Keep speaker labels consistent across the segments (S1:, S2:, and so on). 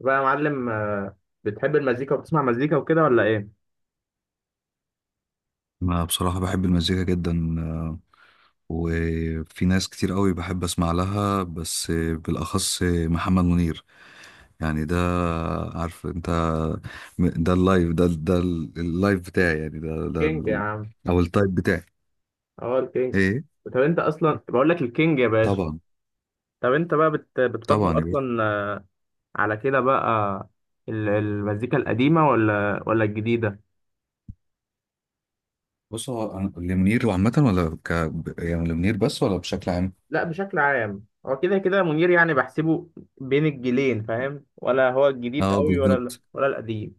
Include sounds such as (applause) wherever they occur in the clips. S1: بقى يا معلم، بتحب المزيكا وبتسمع مزيكا وكده ولا ايه؟
S2: انا بصراحة بحب المزيكا جدا وفي ناس كتير قوي بحب اسمع لها بس، بالاخص محمد منير. يعني ده، عارف انت، ده اللايف، ده اللايف بتاعي، يعني
S1: كينج يا عم.
S2: او التايب بتاعي.
S1: اه، الكينج.
S2: ايه،
S1: طب انت اصلا بقول لك الكينج يا باشا.
S2: طبعا.
S1: طب انت بقى بتفضل
S2: طبعا يا باشا.
S1: اصلا على كده بقى. المزيكا القديمة ولا الجديدة؟
S2: بص، هو لمنير عامة ولا يعني لمنير بس ولا بشكل عام؟
S1: لا، بشكل عام هو كده كده منير يعني بحسبه بين الجيلين، فاهم؟ ولا هو الجديد
S2: اه،
S1: قوي،
S2: بالظبط
S1: ولا القديم.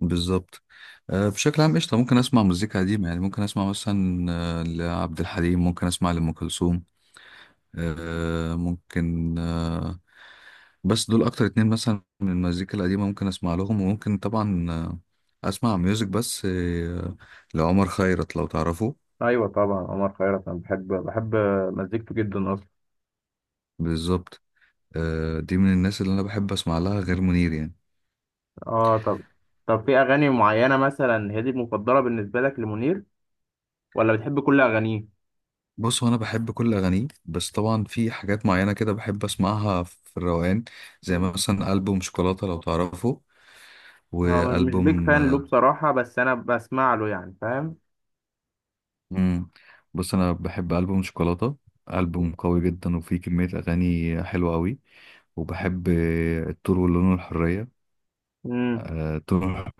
S2: بالظبط. بشكل عام قشطة. ممكن اسمع مزيكا قديمة، يعني ممكن اسمع مثلا لعبد الحليم، ممكن اسمع لأم كلثوم. ممكن، بس دول اكتر اتنين مثلا من المزيكا القديمة ممكن اسمع لهم. وممكن طبعا اسمع ميوزك، بس لعمر خيرت لو تعرفه.
S1: ايوه طبعا، عمر خيرت انا بحب مزيكته جدا اصلا.
S2: بالظبط. دي من الناس اللي انا بحب اسمع لها غير منير يعني.
S1: اه، طب في اغاني معينة مثلا هي دي المفضلة بالنسبة لك لمنير؟ ولا بتحب كل اغانيه؟
S2: بص، هو انا بحب كل اغانيه، بس طبعا في حاجات معينة كده بحب اسمعها في الروقان، زي
S1: مم.
S2: مثلا البوم شوكولاتة لو تعرفه.
S1: هو مش بيك
S2: والبوم
S1: فان له بصراحه، بس انا بسمع له يعني، فاهم.
S2: امم بص، انا بحب البوم شوكولاته.
S1: مم.
S2: البوم قوي جدا وفيه كميه اغاني حلوه قوي. وبحب الطور واللون الحريه.
S1: امم.
S2: الطور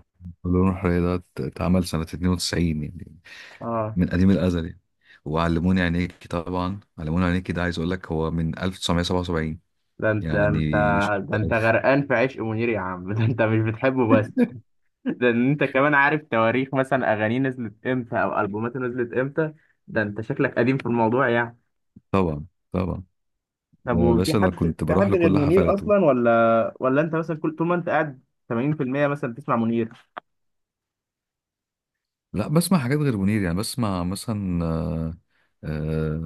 S2: واللون الحريه ده اتعمل سنه 92 يعني،
S1: اه،
S2: من قديم الازل يعني. وعلموني عينيكي، طبعا علموني عينيكي ده عايز اقول لك هو من 1977
S1: ده انت ده انت
S2: يعني. (laughs)
S1: ده انت غرقان في عشق منير يا عم (laughs) ده انت مش بتحبه بس، ده انت كمان عارف تواريخ مثلا اغانيه نزلت امتى او البوماته نزلت امتى. ده انت شكلك قديم في الموضوع يعني.
S2: طبعا. طبعا
S1: طب،
S2: يا باشا،
S1: وفي
S2: انا
S1: حد
S2: كنت
S1: في
S2: بروح
S1: حد غير
S2: لكل
S1: منير
S2: حفلاته.
S1: اصلا، ولا انت مثلا كل طول ما انت قاعد 80% مثلا بتسمع منير؟
S2: لا، بسمع حاجات غير منير يعني. بسمع مثلا آه،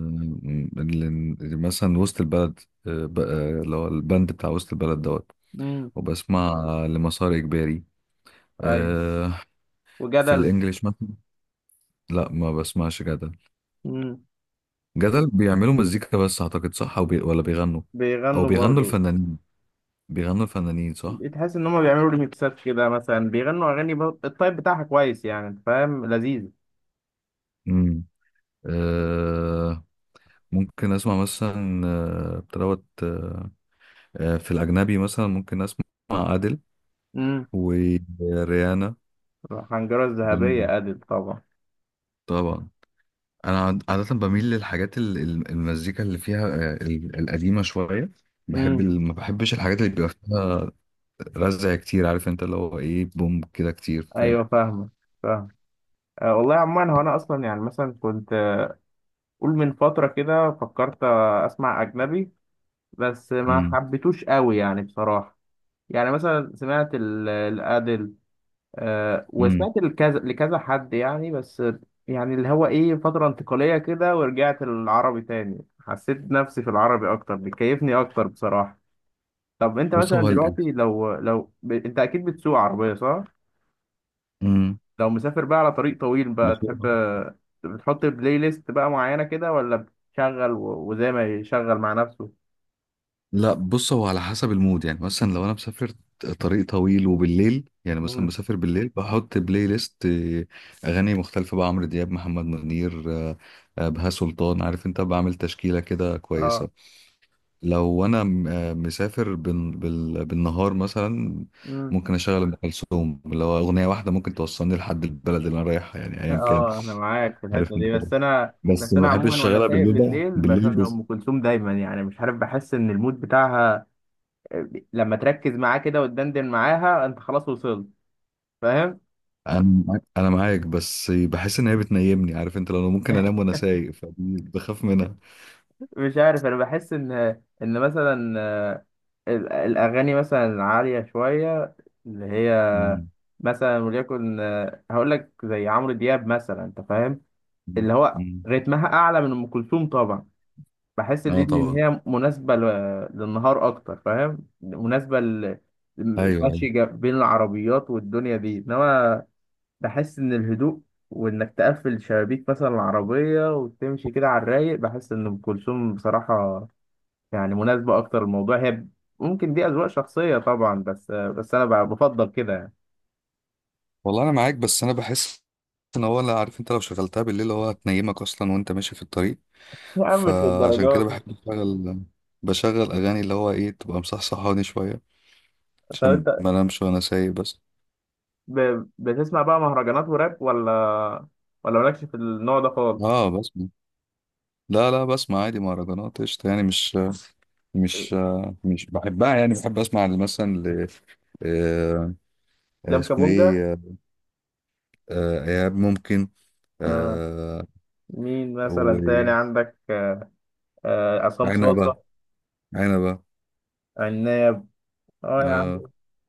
S2: ال- مثلا وسط البلد. اللي هو البند بتاع وسط البلد دوت.
S1: مم.
S2: وبسمع لمسار إجباري
S1: ايوه،
S2: آه، في
S1: وجدل.
S2: الإنجليش مثلا. لا، ما بسمعش جدل.
S1: امم.
S2: جدل بيعملوا مزيكا بس، أعتقد صح، أو بي ولا بيغنوا؟ أو
S1: بيغنوا
S2: بيغنوا
S1: برضه.
S2: الفنانين، بيغنوا الفنانين صح.
S1: تحس ان هم بيعملوا ريميكسات كده، مثلا بيغنوا اغاني الطيب بتاعها كويس يعني، انت فاهم، لذيذ.
S2: مم. آه، ممكن أسمع مثلا بتروت، في الأجنبي مثلا ممكن أسمع أديل
S1: امم.
S2: وريانا.
S1: الحنجره
S2: جميل.
S1: الذهبيه ادل طبعا.
S2: طبعا، انا عاده بميل للحاجات المزيكا اللي فيها القديمه شويه. بحب
S1: امم.
S2: ما بحبش الحاجات اللي بيبقى فيها رزع كتير، عارف انت، اللي هو ايه، بوم كده كتير، فاهم.
S1: ايوه، فاهم. أه والله، عموما هو انا اصلا يعني مثلا كنت قول من فتره كده فكرت اسمع اجنبي. بس ما
S2: امم
S1: حبيتوش قوي يعني بصراحه. يعني مثلا سمعت الادل،
S2: امم
S1: وسمعت لكذا لكذا حد يعني بس، يعني اللي هو ايه فترة انتقالية كده، ورجعت للعربي تاني، حسيت نفسي في العربي اكتر، بيكيفني اكتر بصراحة. طب انت
S2: بص،
S1: مثلا
S2: هو
S1: دلوقتي، انت اكيد بتسوق عربية صح؟
S2: امم
S1: لو مسافر بقى على طريق طويل بقى،
S2: بص،
S1: تحب بتحط بلاي ليست بقى معينة كده، ولا بتشغل وزي ما يشغل مع نفسه؟
S2: لا، بص، هو على حسب المود يعني. مثلا لو انا مسافر طريق طويل وبالليل، يعني مثلا
S1: مم.
S2: مسافر بالليل، بحط بلاي ليست اغاني مختلفه بقى، عمرو دياب، محمد منير، بهاء سلطان، عارف انت، بعمل تشكيله كده
S1: اه،
S2: كويسه. لو انا مسافر بالنهار مثلا، ممكن اشغل ام كلثوم، اللي هو اغنيه واحده ممكن توصلني لحد البلد اللي انا رايحها يعني ايا كان.
S1: اه، انا معاك في
S2: عارف
S1: الحته
S2: انت،
S1: دي، بس انا،
S2: بس
S1: بس
S2: ما
S1: انا
S2: بحبش
S1: عموما وانا
S2: اشغلها
S1: سايق
S2: بالليل بقى
S1: بالليل بشغل
S2: بالليل.
S1: ام كلثوم دايما، يعني مش عارف، بحس ان المود بتاعها لما تركز معاه كده وتدندن معاها انت خلاص وصلت، فاهم.
S2: انا انا معاك، بس بحس ان هي بتنيمني، عارف انت، لو ممكن انام وانا سايق، فبخاف منها.
S1: مش عارف، انا بحس ان مثلا الاغاني مثلا العاليه شويه، اللي هي
S2: مم.
S1: مثلا وليكن هقول لك زي عمرو دياب مثلا، انت فاهم،
S2: مم.
S1: اللي هو
S2: مم.
S1: رتمها اعلى من ام كلثوم طبعا. بحس
S2: اه،
S1: الليل ان
S2: طبعا.
S1: هي مناسبه للنهار اكتر، فاهم، مناسبه
S2: ايوه ايوه.
S1: المشي بين العربيات والدنيا دي. انما بحس ان الهدوء، وانك تقفل شبابيك مثلا العربيه وتمشي كده على الرايق، بحس ان ام كلثوم بصراحه يعني مناسبه اكتر الموضوع. هي ممكن دي اذواق شخصيه طبعا، بس انا بفضل كده يعني.
S2: والله، انا معاك، بس انا بحس ان هو، لا، عارف انت، لو شغلتها بالليل هو هتنيمك اصلا وانت ماشي في الطريق.
S1: يا عم، مش
S2: فعشان كده
S1: للدرجات دي.
S2: بحب بشغل اغاني، اللي هو ايه، تبقى مصحصحاني شويه،
S1: طب انت
S2: عشان ما انامش وانا سايق بس.
S1: بتسمع بقى مهرجانات وراب، ولا مالكش في النوع ده خالص؟
S2: اه بسمع. لا لا، بسمع عادي مهرجانات قشطه يعني. مش بحبها يعني. بحب اسمع مثلا ل آه،
S1: لام
S2: اسمه
S1: كابونجا.
S2: ايه ايهاب ممكن آه،
S1: مين مثلا تاني عندك؟ عصام
S2: وعنبة.
S1: صاصة.
S2: عنبة.
S1: عناب. اه يا عم.
S2: آه،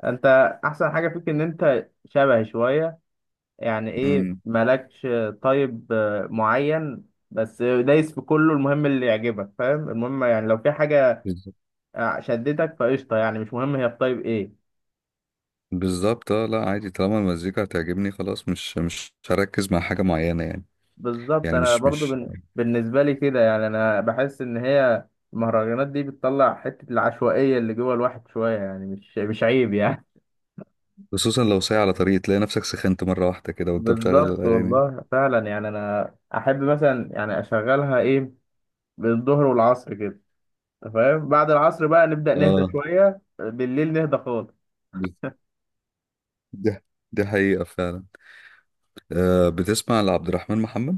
S1: انت احسن حاجة فيك ان انت شبهي شوية، يعني ايه
S2: مم،
S1: مالكش طيب معين، بس دايس في كله، المهم اللي يعجبك، فاهم، المهم يعني لو في حاجة
S2: بالظبط.
S1: شدتك فقشطة، يعني مش مهم هي في طيب ايه.
S2: بالظبط، اه، لا، عادي طالما المزيكا هتعجبني خلاص. مش هركز مع حاجة معينة يعني.
S1: بالظبط،
S2: يعني
S1: انا
S2: مش
S1: برضو
S2: مش
S1: بالنسبة لي كده، يعني انا بحس ان هي المهرجانات دي بتطلع حتة العشوائية اللي جوه الواحد شوية، يعني مش عيب يعني.
S2: خصوصا لو سايق على طريق تلاقي نفسك سخنت مرة واحدة كده وانت بتشغل
S1: بالظبط
S2: الأغاني دي.
S1: والله فعلا، يعني انا احب مثلا يعني اشغلها ايه بالظهر والعصر كده. أنت فاهم، بعد العصر بقى نبدا نهدى
S2: اه،
S1: شويه، بالليل نهدى خالص.
S2: دي دي حقيقة فعلا. بتسمع لعبد الرحمن محمد؟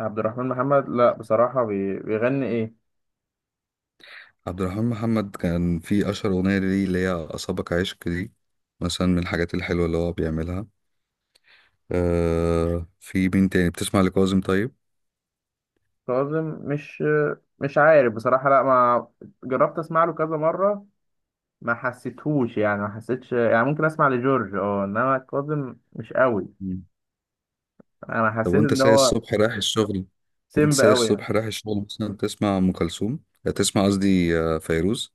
S1: عبد الرحمن محمد؟ لا بصراحه، بيغني ايه؟
S2: عبد الرحمن محمد كان في أشهر أغنية ليه، اللي هي أصابك عشق دي، مثلا من الحاجات الحلوة اللي هو بيعملها. آه، في مين تاني بتسمع؟ لكاظم طيب.
S1: كاظم مش عارف بصراحه، لا ما جربت اسمع له كذا مره، ما حسيتهوش يعني، ما حسيتش يعني، ممكن اسمع لجورج، اه، انما كاظم مش قوي.
S2: مم.
S1: انا
S2: طب
S1: حسيت
S2: وأنت
S1: ان
S2: سايق
S1: هو
S2: الصبح رايح الشغل، وأنت
S1: سيمب
S2: سايق
S1: قوي يعني.
S2: الصبح رايح الشغل مثلا تسمع أم كلثوم تسمع قصدي فيروز؟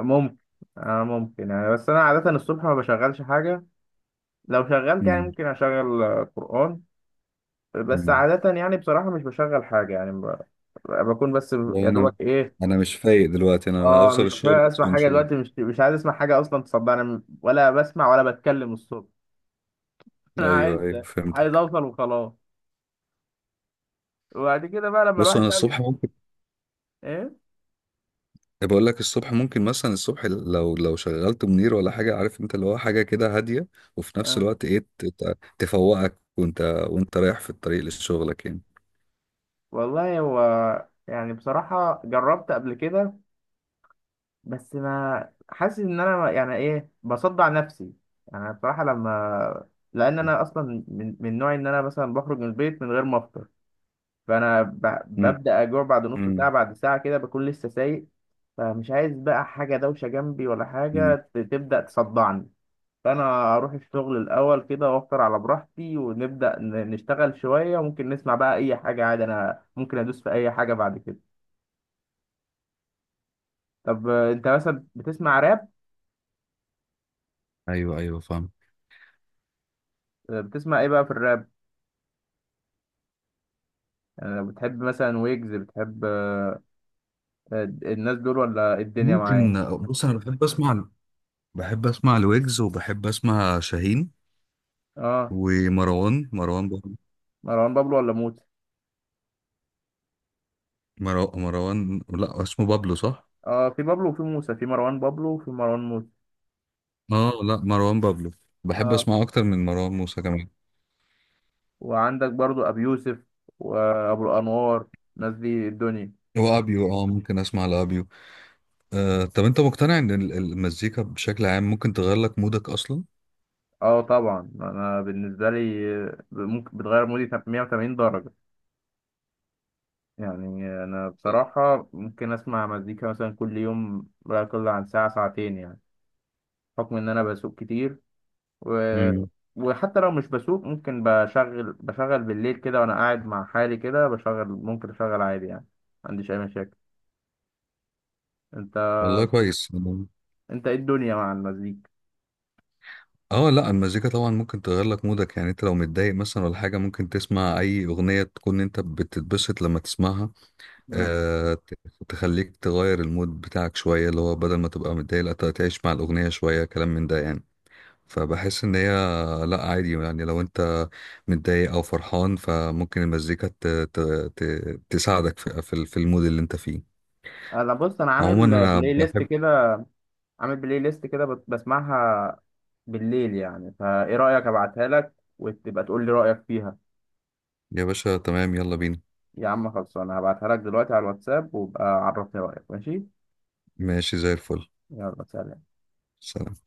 S1: ممكن، ممكن يعني، بس انا عاده الصبح ما بشغلش حاجه، لو شغلت يعني
S2: مم.
S1: ممكن اشغل قرآن. بس
S2: مم.
S1: عادة يعني بصراحة مش بشغل حاجة، يعني بكون بس
S2: لا
S1: يا دوبك
S2: أنا،
S1: ايه.
S2: أنا مش فايق دلوقتي، أنا
S1: اه،
S2: هوصل
S1: مش
S2: الشغل
S1: فاهم
S2: بس
S1: اسمع حاجة
S2: ونشوف.
S1: دلوقتي، مش عايز اسمع حاجة اصلا تصدقني، ولا بسمع ولا بتكلم الصبح (laughs) انا عايز
S2: أيوه أيوه
S1: عايز
S2: فهمتك.
S1: اوصل وخلاص. وبعد كده بقى لما
S2: بص،
S1: الواحد
S2: أنا
S1: بقى
S2: الصبح ممكن،
S1: ايه،
S2: بقول لك الصبح ممكن، مثلا الصبح لو شغلت منير ولا حاجه، عارف انت، اللي هو حاجه كده هاديه، وفي نفس
S1: آه.
S2: الوقت ايه تفوقك وانت رايح في الطريق لشغلك يعني.
S1: والله هو يعني بصراحة جربت قبل كده، بس ما حاسس ان انا يعني ايه بصدع نفسي، يعني بصراحه لما، لان انا اصلا من نوعي ان انا مثلا بخرج من البيت من غير ما افطر، فانا
S2: مم.
S1: ببدا اجوع بعد نص
S2: مم.
S1: ساعه، بعد ساعه كده بكون لسه سايق، فمش عايز بقى حاجه دوشه جنبي، ولا
S2: مم.
S1: حاجه تبدا تصدعني، فانا اروح الشغل الاول كده وافطر على براحتي ونبدا نشتغل شويه، وممكن نسمع بقى اي حاجه عادي، انا ممكن ادوس في اي حاجه بعد كده. طب انت مثلا بتسمع راب؟
S2: ايوه ايوه فاهم.
S1: بتسمع ايه بقى في الراب؟ يعني بتحب مثلا ويجز، بتحب الناس دول ولا الدنيا معايا؟
S2: ممكن. بص، انا بحب اسمع، بحب اسمع الويجز، وبحب اسمع شاهين
S1: اه،
S2: ومروان، بابلو.
S1: مروان بابلو ولا موسى.
S2: مروان، لا اسمه بابلو صح.
S1: اه، في بابلو وفي موسى، في مروان بابلو وفي مروان موسى.
S2: اه، لا مروان بابلو، بحب
S1: اه،
S2: اسمعه اكتر من مروان موسى كمان.
S1: وعندك برضو ابي يوسف وابو الانوار، الناس دي الدنيا.
S2: وابيو، اه ممكن اسمع لابيو. طب انت مقتنع ان المزيكا بشكل عام ممكن تغير لك مودك اصلا؟
S1: اه طبعا، انا بالنسبه لي ممكن بتغير مودي 180 درجه. يعني انا بصراحه ممكن اسمع مزيكا مثلا كل يوم لا يقل عن ساعه ساعتين يعني، بحكم ان انا بسوق كتير، و...
S2: امم.
S1: وحتى لو مش بسوق ممكن بشغل بالليل كده وانا قاعد مع حالي كده بشغل، ممكن اشغل عادي يعني. ما عنديش اي مشاكل. انت
S2: والله كويس.
S1: انت ايه الدنيا مع المزيكا؟
S2: اه لا، المزيكا طبعا ممكن تغير لك مودك. يعني انت لو متضايق مثلا ولا حاجه، ممكن تسمع اي اغنيه تكون انت بتتبسط لما تسمعها.
S1: مم.
S2: آه تخليك تغير المود بتاعك شويه، اللي هو بدل ما تبقى متضايق، لا تعيش مع الاغنيه شويه، كلام من ده يعني. فبحس ان هي، لا عادي يعني، لو انت متضايق او فرحان فممكن المزيكا ت... تساعدك في المود اللي انت فيه.
S1: انا بص، انا
S2: عموما انا بحب.
S1: عامل بلاي ليست كده بسمعها بالليل يعني، فايه رأيك ابعتها لك وتبقى تقول لي رأيك فيها؟
S2: يا باشا تمام، يلا بينا.
S1: يا عم خلصانه، هبعتها لك دلوقتي على الواتساب، وابقى عرفني رأيك، ماشي.
S2: ماشي زي الفل.
S1: يلا، سلام.
S2: سلام.